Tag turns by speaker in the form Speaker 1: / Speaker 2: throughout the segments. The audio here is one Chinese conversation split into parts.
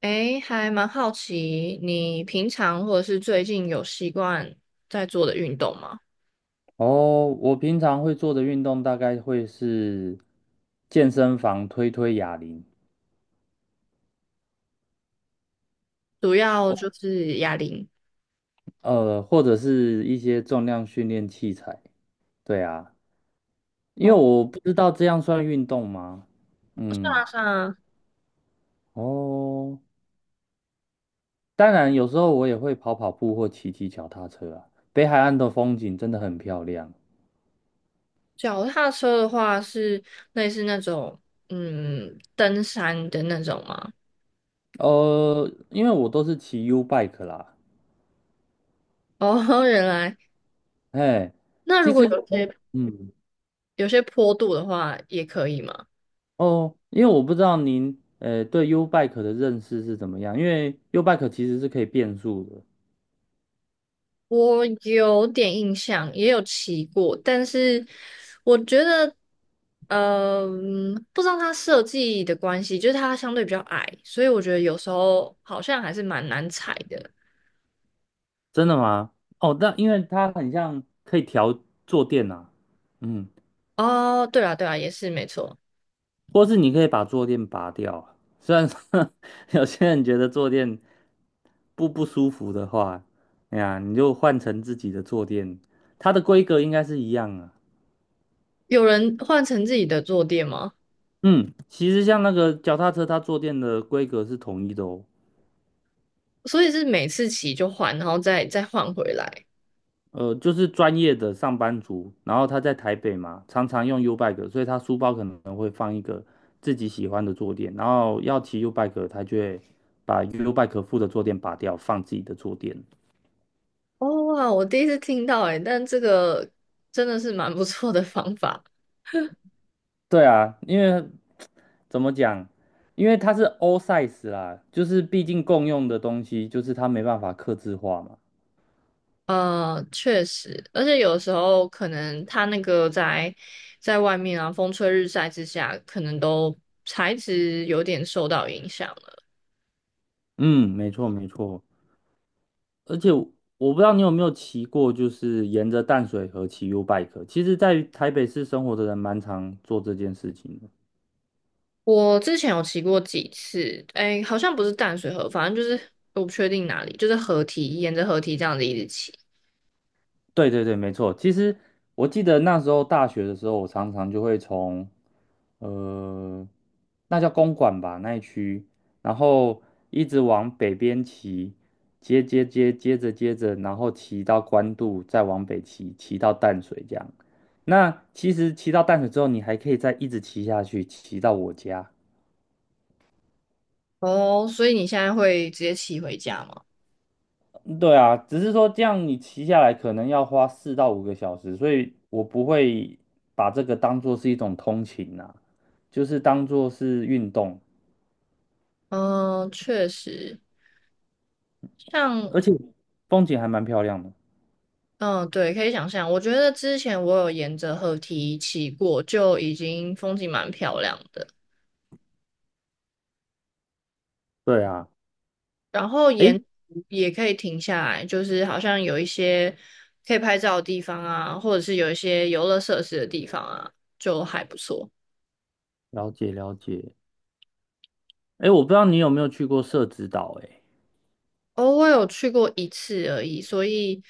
Speaker 1: 诶，还蛮好奇，你平常或者是最近有习惯在做的运动吗？
Speaker 2: 哦，我平常会做的运动大概会是健身房推推哑铃，
Speaker 1: 主要就是哑铃。
Speaker 2: 或者是一些重量训练器材。对啊，因为
Speaker 1: 哦，
Speaker 2: 我不知道这样算运动吗？嗯，
Speaker 1: 踏上
Speaker 2: 哦，当然有时候我也会跑跑步或骑骑脚踏车啊。北海岸的风景真的很漂亮。
Speaker 1: 脚踏车的话，是类似那种登山的那种吗？
Speaker 2: 因为我都是骑 U bike 啦，
Speaker 1: 哦，原来
Speaker 2: 哎，
Speaker 1: 那如
Speaker 2: 其
Speaker 1: 果
Speaker 2: 实，
Speaker 1: 有些
Speaker 2: 嗯。
Speaker 1: 坡度的话，也可以吗？
Speaker 2: 哦，因为我不知道您对 U Bike 的认识是怎么样，因为 U Bike 其实是可以变速的，
Speaker 1: 我有点印象，也有骑过，但是我觉得，不知道它设计的关系，就是它相对比较矮，所以我觉得有时候好像还是蛮难踩的。
Speaker 2: 真的吗？哦，但因为它很像可以调坐垫啊，嗯，
Speaker 1: 哦，对啦，对啦，也是没错。
Speaker 2: 或是你可以把坐垫拔掉啊，虽然说 有些人觉得坐垫不舒服的话，哎呀，你就换成自己的坐垫，它的规格应该是一样啊。
Speaker 1: 有人换成自己的坐垫吗？
Speaker 2: 嗯，其实像那个脚踏车，它坐垫的规格是统一的哦。
Speaker 1: 所以是每次骑就换，然后再换回来。
Speaker 2: 就是专业的上班族，然后他在台北嘛，常常用 U bike，所以他书包可能会放一个自己喜欢的坐垫，然后要骑 U bike，他就会把 U bike 附的坐垫拔掉，放自己的坐垫。
Speaker 1: 哦哇，我第一次听到诶、但这个真的是蛮不错的方法。
Speaker 2: 对啊，因为怎么讲，因为它是 all size 啦，就是毕竟共用的东西，就是它没办法刻字化嘛。
Speaker 1: 确实，而且有时候可能它那个在外面啊，风吹日晒之下，可能都材质有点受到影响了。
Speaker 2: 嗯，没错没错。而且我不知道你有没有骑过，就是沿着淡水河骑 U bike。其实，在台北市生活的人蛮常做这件事情的。
Speaker 1: 我之前有骑过几次，哎，好像不是淡水河，反正就是我不确定哪里，就是河堤，沿着河堤这样子一直骑。
Speaker 2: 对对对，没错。其实我记得那时候大学的时候，我常常就会从呃，那叫公馆吧那一区，然后一直往北边骑，接着，然后骑到官渡，再往北骑，骑到淡水这样。那其实骑到淡水之后，你还可以再一直骑下去，骑到我家。
Speaker 1: 哦，所以你现在会直接骑回家吗？
Speaker 2: 对啊，只是说这样你骑下来可能要花4到5个小时，所以我不会把这个当做是一种通勤啊，就是当做是运动，
Speaker 1: 嗯，确实，像
Speaker 2: 而且风景还蛮漂亮的。
Speaker 1: 嗯，对，可以想象。我觉得之前我有沿着河堤骑过，就已经风景蛮漂亮的。
Speaker 2: 对啊，
Speaker 1: 然后
Speaker 2: 诶，
Speaker 1: 沿途也可以停下来，就是好像有一些可以拍照的地方啊，或者是有一些游乐设施的地方啊，就还不错。
Speaker 2: 了解了解。诶，我不知道你有没有去过社子岛，诶，
Speaker 1: 哦，我有去过一次而已，所以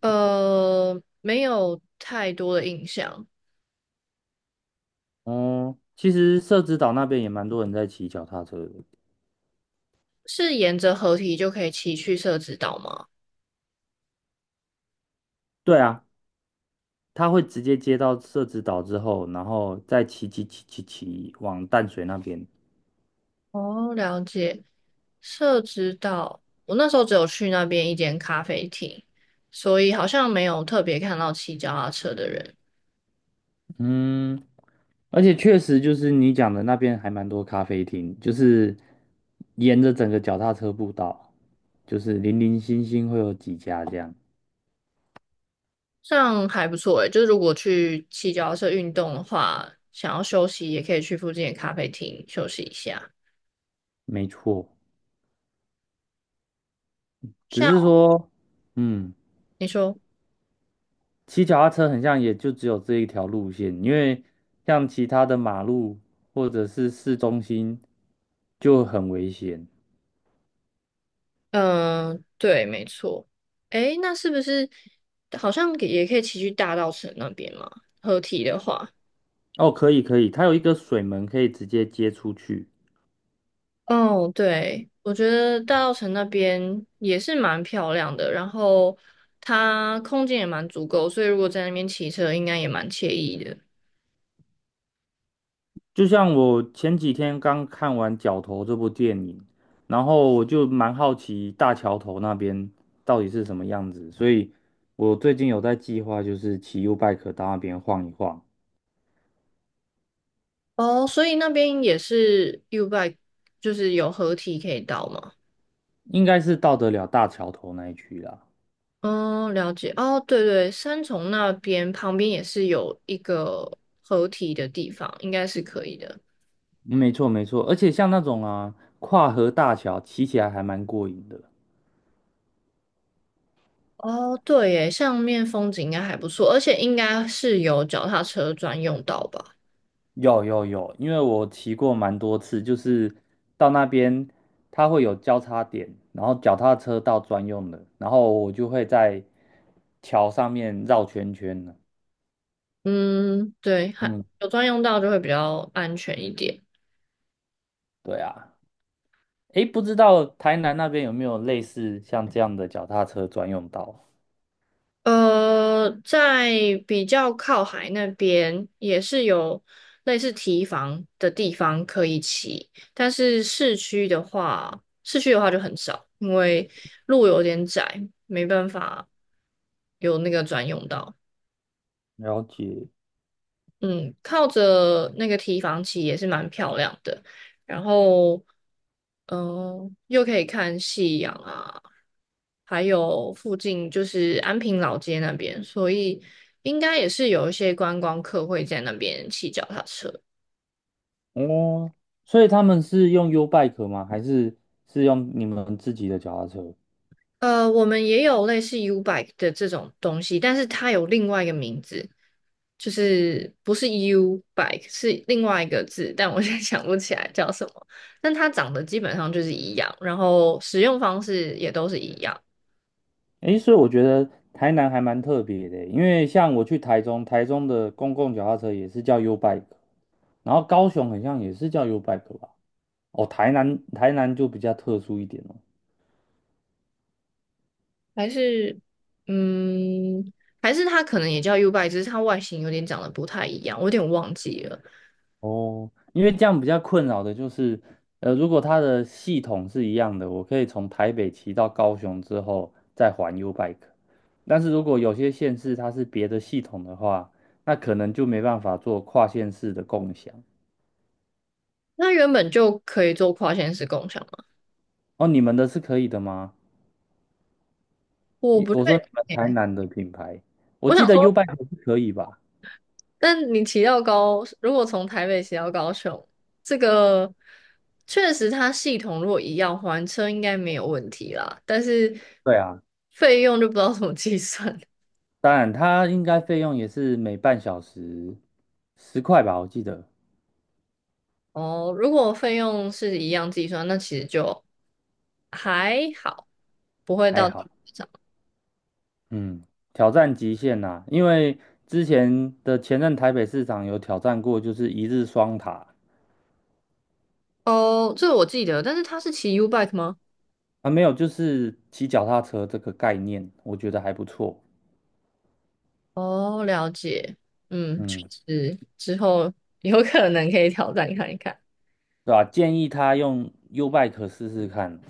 Speaker 1: 没有太多的印象。
Speaker 2: 哦，其实社子岛那边也蛮多人在骑脚踏车的。
Speaker 1: 是沿着河堤就可以骑去社子岛吗？
Speaker 2: 对啊，他会直接接到社子岛之后，然后再骑往淡水那边。
Speaker 1: 哦，了解。社子岛，我那时候只有去那边一间咖啡厅，所以好像没有特别看到骑脚踏车的人。
Speaker 2: 嗯，而且确实就是你讲的那边还蛮多咖啡厅，就是沿着整个脚踏车步道，就是零零星星会有几家这样，
Speaker 1: 这样还不错诶，就是如果去骑脚踏车运动的话，想要休息也可以去附近的咖啡厅休息一下。
Speaker 2: 没错。只是
Speaker 1: 像
Speaker 2: 说，嗯，
Speaker 1: 你说，
Speaker 2: 骑脚踏车很像也就只有这一条路线，因为像其他的马路或者是市中心就很危险。
Speaker 1: 嗯、对，没错。诶，那是不是好像也可以骑去大稻城那边嘛？合体的话，
Speaker 2: 哦，可以可以，它有一个水门可以直接接出去。
Speaker 1: 哦，对，我觉得大稻城那边也是蛮漂亮的，然后它空间也蛮足够，所以如果在那边骑车，应该也蛮惬意的。
Speaker 2: 就像我前几天刚看完《角头》这部电影，然后我就蛮好奇大桥头那边到底是什么样子，所以我最近有在计划，就是骑 U bike 到那边晃一晃，
Speaker 1: 哦，所以那边也是 U bike,就是有合体可以到吗？
Speaker 2: 应该是到得了大桥头那一区啦。
Speaker 1: 哦，了解。哦，对对，三重那边旁边也是有一个合体的地方，应该是可以的。
Speaker 2: 没错没错，而且像那种啊跨河大桥，骑起来还蛮过瘾的。
Speaker 1: 哦，对耶，上面风景应该还不错，而且应该是有脚踏车专用道吧？
Speaker 2: 有有有，因为我骑过蛮多次，就是到那边它会有交叉点，然后脚踏车道专用的，然后我就会在桥上面绕圈圈呢。
Speaker 1: 嗯，对，还
Speaker 2: 嗯，
Speaker 1: 有专用道就会比较安全一点。
Speaker 2: 对啊，诶，不知道台南那边有没有类似像这样的脚踏车专用道？
Speaker 1: 在比较靠海那边也是有类似提防的地方可以骑，但是市区的话，就很少，因为路有点窄，没办法有那个专用道。
Speaker 2: 了解
Speaker 1: 嗯，靠着那个提防起也是蛮漂亮的，然后，又可以看夕阳啊，还有附近就是安平老街那边，所以应该也是有一些观光客会在那边骑脚踏车。
Speaker 2: 哦，所以他们是用 U bike 吗？还是是用你们自己的脚踏车？
Speaker 1: 我们也有类似 U bike 的这种东西，但是它有另外一个名字，就是不是 U bike,是另外一个字，但我现在想不起来叫什么。但它长得基本上就是一样，然后使用方式也都是一样，
Speaker 2: 诶，所以我觉得台南还蛮特别的欸，因为像我去台中，台中的公共脚踏车也是叫 U Bike，然后高雄好像也是叫 U Bike 吧。哦，台南就比较特殊一点哦。
Speaker 1: 还是嗯，还是它可能也叫 U bike,只是它外形有点长得不太一样，我有点忘记了。
Speaker 2: 哦，因为这样比较困扰的就是，如果它的系统是一样的，我可以从台北骑到高雄之后再还 U Bike，但是如果有些县市它是别的系统的话，那可能就没办法做跨县市的共享。
Speaker 1: 那原本就可以做跨线式共享吗？
Speaker 2: 哦，你们的是可以的吗？
Speaker 1: 我不确
Speaker 2: 我说你们
Speaker 1: 定
Speaker 2: 台
Speaker 1: 欸
Speaker 2: 南的品牌，我
Speaker 1: 我想
Speaker 2: 记得
Speaker 1: 说。
Speaker 2: U Bike 是可以吧？
Speaker 1: 但你骑到高，如果从台北骑到高雄，这个确实它系统如果一样还车应该没有问题啦，但是
Speaker 2: 对啊，
Speaker 1: 费用就不知道怎么计算
Speaker 2: 当然它应该费用也是每半小时10块吧，我记得
Speaker 1: 哦。如果费用是一样计算，那其实就还好，不会
Speaker 2: 还
Speaker 1: 到太
Speaker 2: 好。
Speaker 1: 夸张
Speaker 2: 嗯，挑战极限呐、因为之前的前任台北市长有挑战过，就是一日双塔
Speaker 1: 哦。这我记得，但是他是骑 U bike 吗？
Speaker 2: 啊，没有，就是骑脚踏车这个概念，我觉得还不错。
Speaker 1: 哦，了解，嗯，确
Speaker 2: 嗯，
Speaker 1: 实之后有可能可以挑战看一看。
Speaker 2: 对吧、建议他用 U Bike 试试看，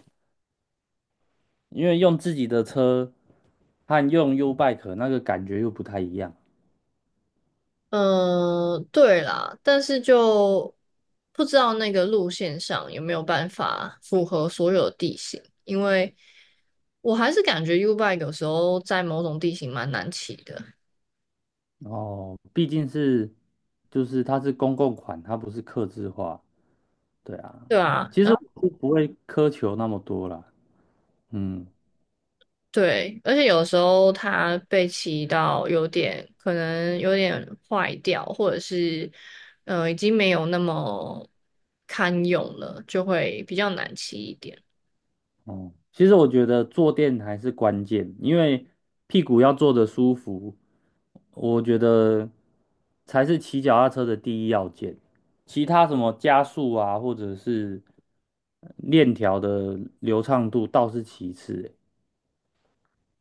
Speaker 2: 因为用自己的车和用 U Bike 那个感觉又不太一样。
Speaker 1: 嗯，对啦，但是就不知道那个路线上有没有办法符合所有地形，因为我还是感觉 U bike 有时候在某种地形蛮难骑的，
Speaker 2: 哦，毕竟就是它是公共款，它不是客制化，对啊。
Speaker 1: 对啊，
Speaker 2: 其实
Speaker 1: 然后
Speaker 2: 我是不会苛求那么多啦，嗯，
Speaker 1: 对，而且有时候它被骑到可能有点坏掉，或者是已经没有那么堪用了，就会比较难骑一点。
Speaker 2: 哦，其实我觉得坐垫还是关键，因为屁股要坐得舒服，我觉得才是骑脚踏车的第一要件。其他什么加速啊，或者是链条的流畅度倒是其次欸，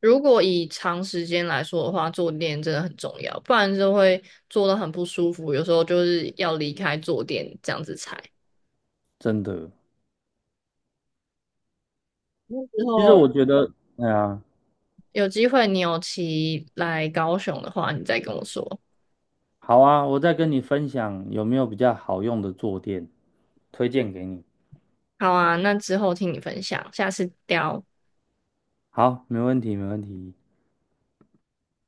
Speaker 1: 如果以长时间来说的话，坐垫真的很重要，不然就会坐得很不舒服，有时候就是要离开坐垫这样子踩。
Speaker 2: 真的。
Speaker 1: 那之
Speaker 2: 其实
Speaker 1: 后
Speaker 2: 我觉得，对啊。
Speaker 1: 有机会你有骑来高雄的话，你再跟我说。
Speaker 2: 好啊，我再跟你分享有没有比较好用的坐垫，推荐给你。
Speaker 1: 好啊，那之后听你分享，下次聊。
Speaker 2: 好，没问题，没问题。